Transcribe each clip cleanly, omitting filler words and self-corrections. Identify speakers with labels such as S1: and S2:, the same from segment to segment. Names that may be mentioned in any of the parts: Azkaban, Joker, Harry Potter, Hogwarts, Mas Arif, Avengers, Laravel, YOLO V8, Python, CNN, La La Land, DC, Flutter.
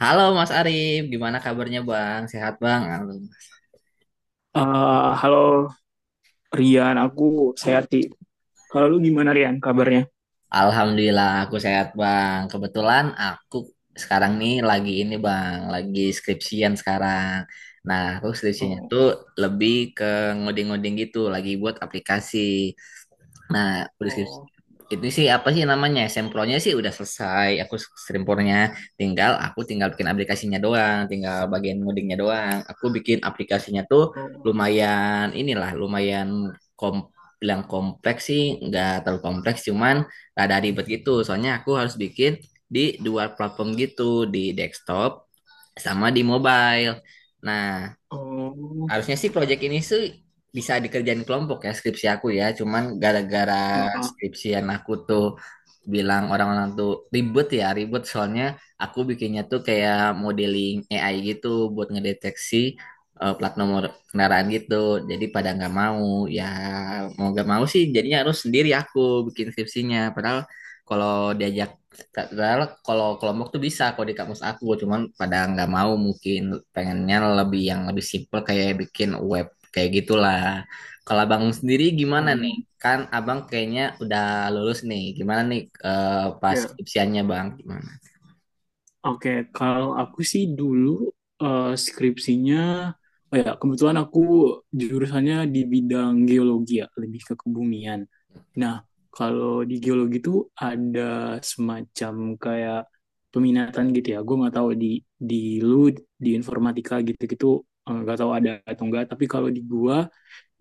S1: Halo Mas Arif, gimana kabarnya Bang? Sehat Bang?
S2: Halo Rian, aku Sayati. Kalau lu gimana Rian kabarnya?
S1: Alhamdulillah aku sehat Bang. Kebetulan aku sekarang nih lagi ini Bang, lagi skripsian sekarang. Nah, aku skripsinya
S2: Oh,
S1: tuh lebih ke ngoding-ngoding gitu, lagi buat aplikasi. Nah, udah skripsi.
S2: oh,
S1: Itu sih apa sih namanya? Sempronya sih udah selesai. Aku sempronya tinggal, aku tinggal bikin aplikasinya doang, tinggal bagian ngodingnya doang. Aku bikin aplikasinya tuh
S2: oh,
S1: lumayan inilah, lumayan kom bilang kompleks sih, nggak terlalu kompleks, cuman ada ribet gitu. Soalnya aku harus bikin di dua platform gitu, di desktop sama di mobile. Nah,
S2: oh,
S1: harusnya sih project ini sih bisa dikerjain kelompok ya, skripsi aku ya. Cuman gara-gara
S2: oh,
S1: skripsian aku tuh bilang orang-orang tuh ribet ya, ribet soalnya aku bikinnya tuh kayak modeling AI gitu buat ngedeteksi plat nomor kendaraan gitu. Jadi pada nggak mau ya, mau nggak mau sih jadinya harus sendiri aku bikin skripsinya. Kalau diajak Padahal kalau kelompok tuh bisa kalau di kampus aku, cuman pada nggak mau, mungkin pengennya lebih yang lebih simple kayak bikin web kayak gitulah. Kalau abang sendiri gimana nih?
S2: oh,
S1: Kan abang kayaknya udah lulus nih. Gimana nih eh, pas
S2: oh.
S1: skripsiannya, bang? Gimana?
S2: Oke, kalau aku sih dulu skripsinya, oh ya kebetulan aku jurusannya di bidang geologi ya, lebih ke kebumian. Nah, kalau di geologi tuh ada semacam kayak peminatan gitu ya. Gue nggak tahu di lu di informatika gitu-gitu, nggak tahu ada atau enggak. Tapi kalau di gua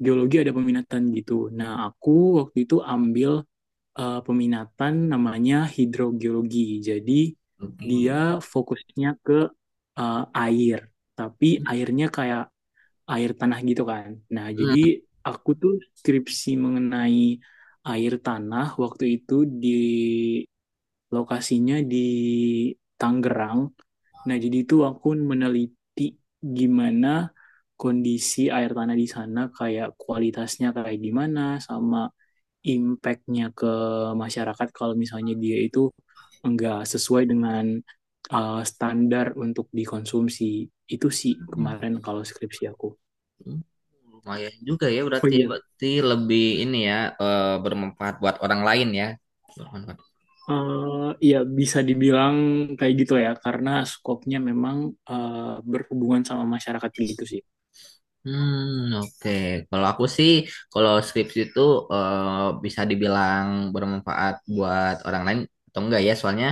S2: geologi ada peminatan gitu. Nah, aku waktu itu ambil peminatan namanya hidrogeologi. Jadi
S1: Oke.
S2: dia fokusnya ke eh, air, tapi airnya kayak air tanah gitu kan. Nah,
S1: Hmm.
S2: jadi aku tuh skripsi mengenai air tanah waktu itu di lokasinya di Tangerang. Nah, jadi itu aku meneliti gimana kondisi air tanah di sana, kayak kualitasnya kayak gimana, sama impact-nya ke masyarakat kalau misalnya dia itu enggak sesuai dengan standar untuk dikonsumsi. Itu sih kemarin kalau skripsi aku.
S1: Lumayan juga ya
S2: Oh
S1: berarti ya
S2: iya.
S1: berarti lebih ini ya, bermanfaat buat orang lain ya.
S2: Eh, Ya bisa dibilang kayak gitu ya, karena skopnya memang eh, berhubungan sama masyarakat gitu sih.
S1: Hmm, oke. Kalau aku sih, kalau skripsi itu eh, bisa dibilang bermanfaat buat orang lain atau enggak ya? Soalnya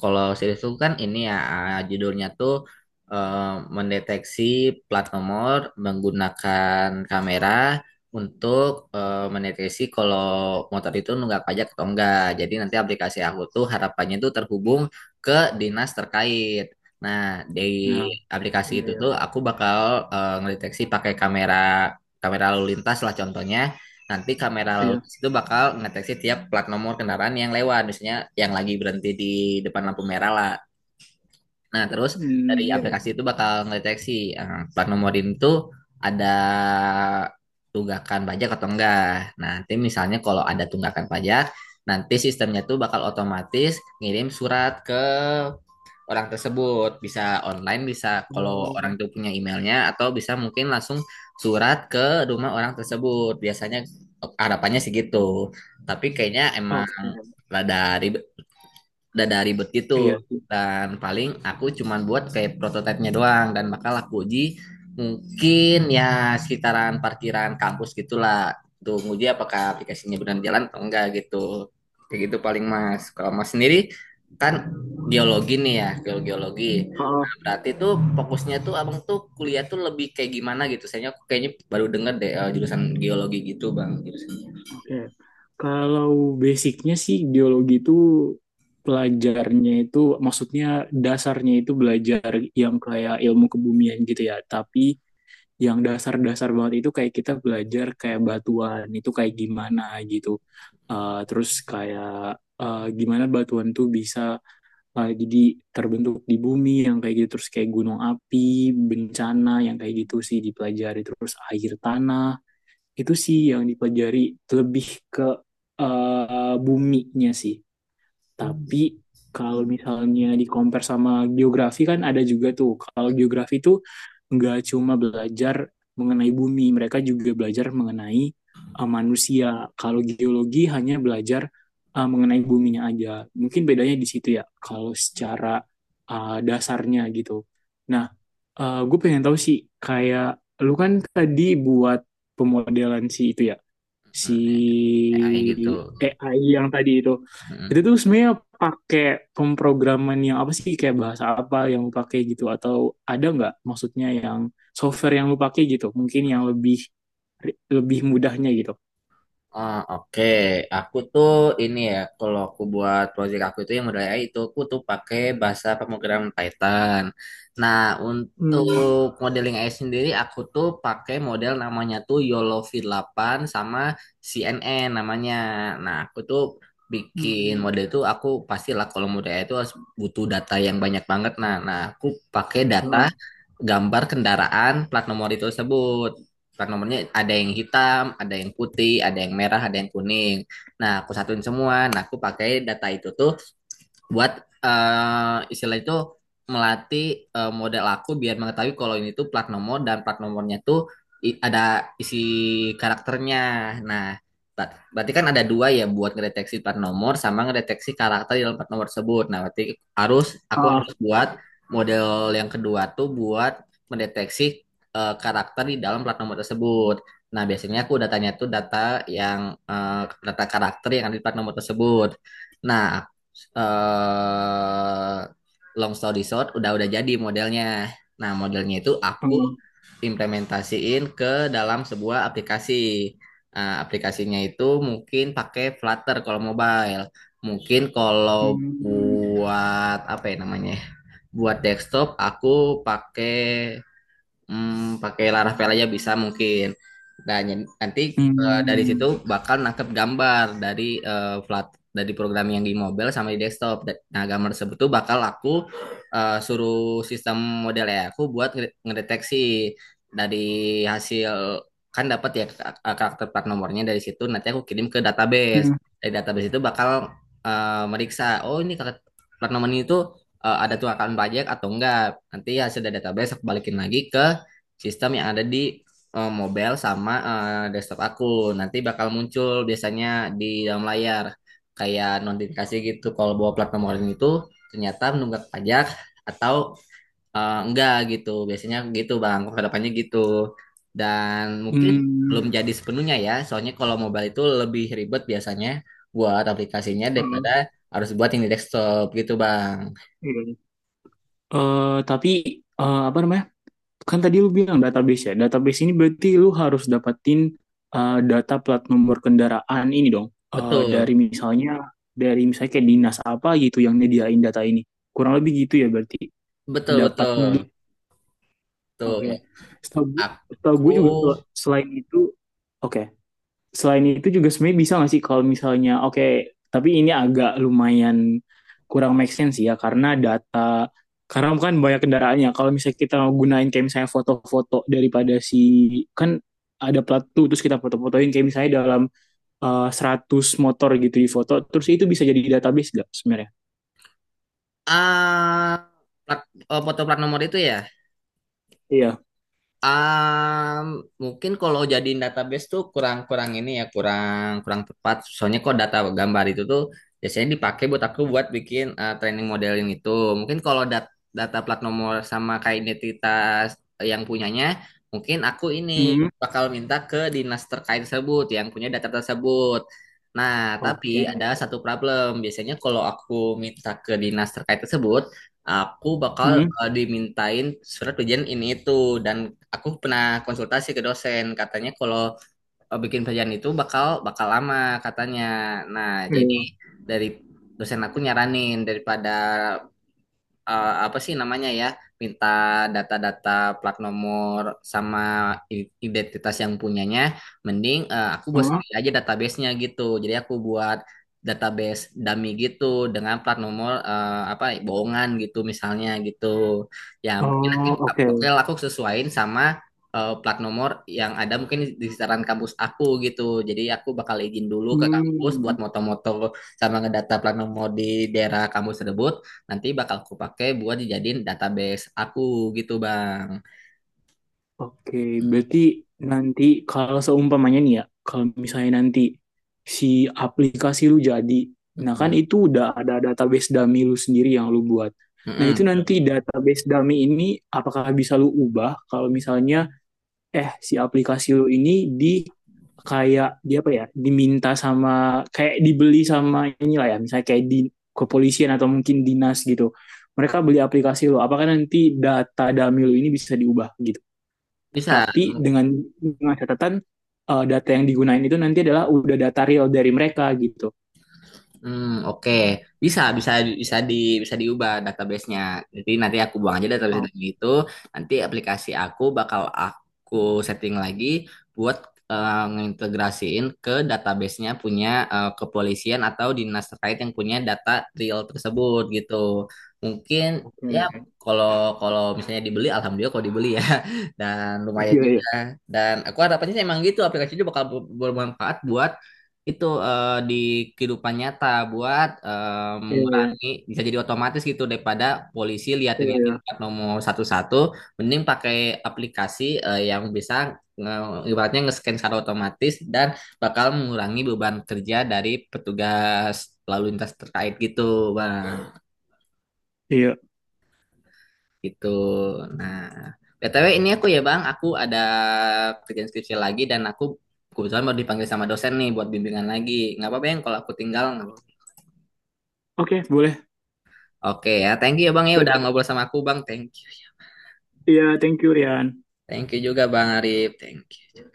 S1: kalau series itu kan, ini ya, judulnya tuh eh, mendeteksi plat nomor menggunakan kamera untuk mendeteksi kalau motor itu nunggak pajak atau enggak. Jadi nanti aplikasi aku tuh harapannya tuh terhubung ke dinas terkait. Nah, di
S2: Nah,
S1: aplikasi
S2: iya,
S1: itu
S2: iya,
S1: tuh aku bakal ngedeteksi pakai kamera kamera lalu lintas lah contohnya. Nanti kamera lalu
S2: iya.
S1: lintas itu bakal ngedeteksi tiap plat nomor kendaraan yang lewat, misalnya yang lagi berhenti di depan lampu merah lah. Nah, terus dari
S2: Hmm, iya, iya.
S1: aplikasi itu bakal ngedeteksi plat nomor itu ada tunggakan pajak atau enggak. Nah, nanti misalnya kalau ada tunggakan pajak, nanti sistemnya tuh bakal otomatis ngirim surat ke orang tersebut. Bisa online, bisa kalau orang
S2: Oh,
S1: itu punya emailnya, atau bisa mungkin langsung surat ke rumah orang tersebut. Biasanya harapannya sih gitu. Tapi kayaknya emang
S2: oke.
S1: rada ribet, udah dari ribet gitu,
S2: Iya
S1: dan paling aku cuman buat kayak prototipenya doang dan bakal aku uji mungkin ya sekitaran parkiran kampus gitulah, tuh nguji apakah aplikasinya benar jalan atau enggak gitu, kayak gitu paling mas. Kalau mas sendiri, kan geologi nih ya, geologi geologi
S2: sih.
S1: berarti tuh fokusnya tuh abang tuh kuliah tuh lebih kayak gimana gitu, saya kayaknya baru denger deh jurusan geologi gitu, bang, jurusannya.
S2: Oke. Kalau basicnya sih geologi itu pelajarnya itu maksudnya dasarnya itu belajar yang kayak ilmu kebumian gitu ya. Tapi yang dasar-dasar banget itu kayak kita belajar kayak batuan itu kayak gimana gitu. Terus kayak, gimana batuan tuh bisa, jadi terbentuk di bumi yang kayak gitu. Terus kayak gunung api, bencana yang kayak gitu sih dipelajari. Terus air tanah itu sih yang dipelajari lebih ke, buminya sih,
S1: Hmm.
S2: tapi kalau misalnya di compare sama geografi kan ada juga tuh. Kalau geografi tuh nggak cuma belajar mengenai bumi, mereka juga belajar mengenai, manusia. Kalau geologi hanya belajar mengenai buminya aja. Mungkin bedanya di situ ya, kalau secara dasarnya gitu. Nah, gue pengen tahu sih, kayak lu kan tadi buat pemodelan si itu ya, si
S1: Hmm, AI gitu.
S2: AI yang tadi
S1: Hmm.
S2: itu tuh sebenarnya pakai pemrograman yang apa sih kayak bahasa apa yang lu pakai gitu, atau ada nggak maksudnya yang software yang lu pakai gitu mungkin yang lebih lebih mudahnya gitu.
S1: Ah, oke. Aku tuh ini ya, kalau aku buat project aku itu yang model AI itu aku tuh pakai bahasa pemrograman Python. Nah,
S2: Hmm.
S1: untuk modeling AI sendiri aku tuh pakai model namanya tuh YOLO V8 sama CNN namanya. Nah, aku tuh bikin
S2: Hmm.
S1: model itu, aku pastilah kalau model AI itu harus butuh data yang banyak banget. Nah, aku pakai data
S2: Ah,
S1: gambar kendaraan plat nomor itu tersebut, plat nomornya ada yang hitam, ada yang putih, ada yang merah, ada yang kuning. Nah, aku satuin semua. Nah, aku pakai data itu tuh buat istilah itu melatih model aku biar mengetahui kalau ini tuh plat nomor, dan plat nomornya tuh ada isi karakternya. Nah, berarti kan ada dua ya, buat ngedeteksi plat nomor sama ngedeteksi karakter di dalam plat nomor tersebut. Nah, berarti harus aku
S2: ah,
S1: harus buat model yang kedua tuh buat mendeteksi karakter di dalam plat nomor tersebut. Nah, biasanya aku datanya tuh data yang eh, data karakter yang ada di plat nomor tersebut. Nah, eh long story short, udah jadi modelnya. Nah, modelnya itu aku
S2: ah.
S1: implementasiin ke dalam sebuah aplikasi. Nah, aplikasinya itu mungkin pakai Flutter kalau mobile. Mungkin kalau
S2: Hmm.
S1: buat apa ya namanya? Buat desktop aku pakai, pakai laravel aja bisa mungkin. Nah, nanti dari situ
S2: Hmm.
S1: bakal nangkep gambar dari flat, dari program yang di mobile sama di desktop. Nah, gambar tersebut tuh bakal aku suruh sistem model ya aku buat ngedeteksi dari hasil, kan dapat ya, karakter plat nomornya, dari situ nanti aku kirim ke database.
S2: Hmm.
S1: Dari database itu bakal meriksa, oh ini karakter plat nomor ini tuh ada tunggakan pajak atau enggak. Nanti hasil dari database aku balikin lagi ke sistem yang ada di mobile sama desktop aku. Nanti bakal muncul biasanya di dalam layar kayak notifikasi gitu kalau bahwa platform online itu ternyata menunggak pajak atau enggak gitu. Biasanya gitu Bang, kedepannya gitu. Dan mungkin belum
S2: Hmm.
S1: jadi sepenuhnya ya, soalnya kalau mobile itu lebih ribet biasanya buat aplikasinya daripada
S2: Ah,
S1: harus buat yang di desktop gitu, Bang.
S2: iya. Tapi apa namanya, kan tadi lu bilang database ya. Database ini berarti lu harus dapatin, data plat nomor kendaraan ini dong.
S1: Betul,
S2: Dari misalnya kayak dinas apa gitu yang nyediain data ini. Kurang lebih gitu ya berarti
S1: betul,
S2: dapat
S1: betul.
S2: dulu.
S1: Betul.
S2: Oke. Setahu gue, setahu
S1: aku
S2: gue juga selain itu, oke, selain itu juga sebenarnya bisa nggak sih kalau misalnya oke okay, tapi ini agak lumayan kurang make sense ya karena data, karena kan banyak kendaraannya kalau misalnya kita gunain kayak misalnya foto-foto daripada si, kan ada plat tuh terus kita foto-fotoin kayak misalnya dalam 100 motor gitu di foto terus itu bisa jadi database nggak sebenarnya?
S1: Ah, plat, foto plat nomor itu ya.
S2: Iya.
S1: Ah, mungkin kalau jadiin database tuh kurang-kurang ini ya, kurang kurang tepat. Soalnya kok data gambar itu tuh biasanya dipakai buat aku buat bikin training modeling itu. Mungkin kalau data plat nomor sama kayak identitas yang punyanya, mungkin aku ini
S2: Hmm.
S1: bakal minta ke dinas terkait tersebut yang punya data tersebut. Nah, tapi
S2: Oke.
S1: ada satu problem. Biasanya kalau aku minta ke dinas terkait tersebut, aku bakal
S2: Hmm.
S1: dimintain surat ujian ini itu, dan aku pernah konsultasi ke dosen, katanya kalau bikin perjanjian itu bakal bakal lama katanya. Nah, jadi
S2: Iya.
S1: dari dosen aku nyaranin, daripada apa sih namanya ya, minta data-data plat nomor sama identitas yang punyanya, mending aku buat
S2: Hah?
S1: sendiri aja databasenya gitu, jadi aku buat database dummy gitu dengan plat nomor apa bohongan gitu misalnya gitu, ya mungkin
S2: Oh, oke.
S1: bakal aku sesuaiin sama plat nomor yang ada mungkin di sekitaran kampus aku gitu, jadi aku bakal izin dulu ke kampus buat
S2: Hmm.
S1: moto-moto sama ngedata plat nomor di daerah kampus tersebut, nanti bakal aku pakai buat dijadiin database aku gitu, bang.
S2: Oke,
S1: Mm,
S2: berarti nanti kalau seumpamanya nih ya, kalau misalnya nanti si aplikasi lu jadi, nah
S1: mm,
S2: kan itu udah ada database dummy lu sendiri yang lu buat.
S1: mm,
S2: Nah
S1: mm.
S2: itu nanti database dummy ini apakah bisa lu ubah kalau misalnya eh si aplikasi lu ini di kayak di apa ya, diminta sama kayak dibeli sama inilah ya, misalnya kayak di kepolisian atau mungkin dinas gitu. Mereka beli aplikasi lu, apakah nanti data dummy lu ini bisa diubah gitu?
S1: Bisa.
S2: Tapi dengan catatan data yang digunain itu nanti adalah udah data real dari mereka gitu.
S1: Hmm, oke. Bisa, bisa, bisa di, bisa diubah database-nya. Jadi nanti aku buang aja database
S2: Oh.
S1: dari itu. Nanti aplikasi aku bakal aku setting lagi buat ngintegrasiin ke database-nya punya kepolisian atau dinas terkait yang punya data real tersebut gitu. Mungkin ya,
S2: Oke.
S1: kalau kalau misalnya dibeli, alhamdulillah kalau dibeli ya. Dan lumayan
S2: Iya, iya,
S1: juga. Dan aku harapannya sih emang gitu, aplikasi itu bakal bermanfaat buat itu di kehidupan nyata, buat
S2: iya,
S1: mengurangi, bisa jadi otomatis gitu daripada polisi liatin
S2: iya, iya.
S1: liatin plat nomor satu-satu, mending pakai aplikasi yang bisa ibaratnya nge-scan secara otomatis, dan bakal mengurangi beban kerja dari petugas lalu lintas terkait gitu, bang.
S2: Iya.
S1: Gitu. Nah, BTW ini aku ya, bang, aku ada kerjaan skripsi lagi, dan aku kebetulan baru dipanggil sama dosen nih buat bimbingan lagi. Nggak apa-apa yang kalau aku tinggal, nggak?
S2: Oke, boleh.
S1: Oke ya, thank you ya Bang, ya
S2: But,
S1: udah ngobrol sama aku, Bang. Thank you.
S2: iya, yeah, thank you, Rian.
S1: Thank you juga Bang Arif. Thank you.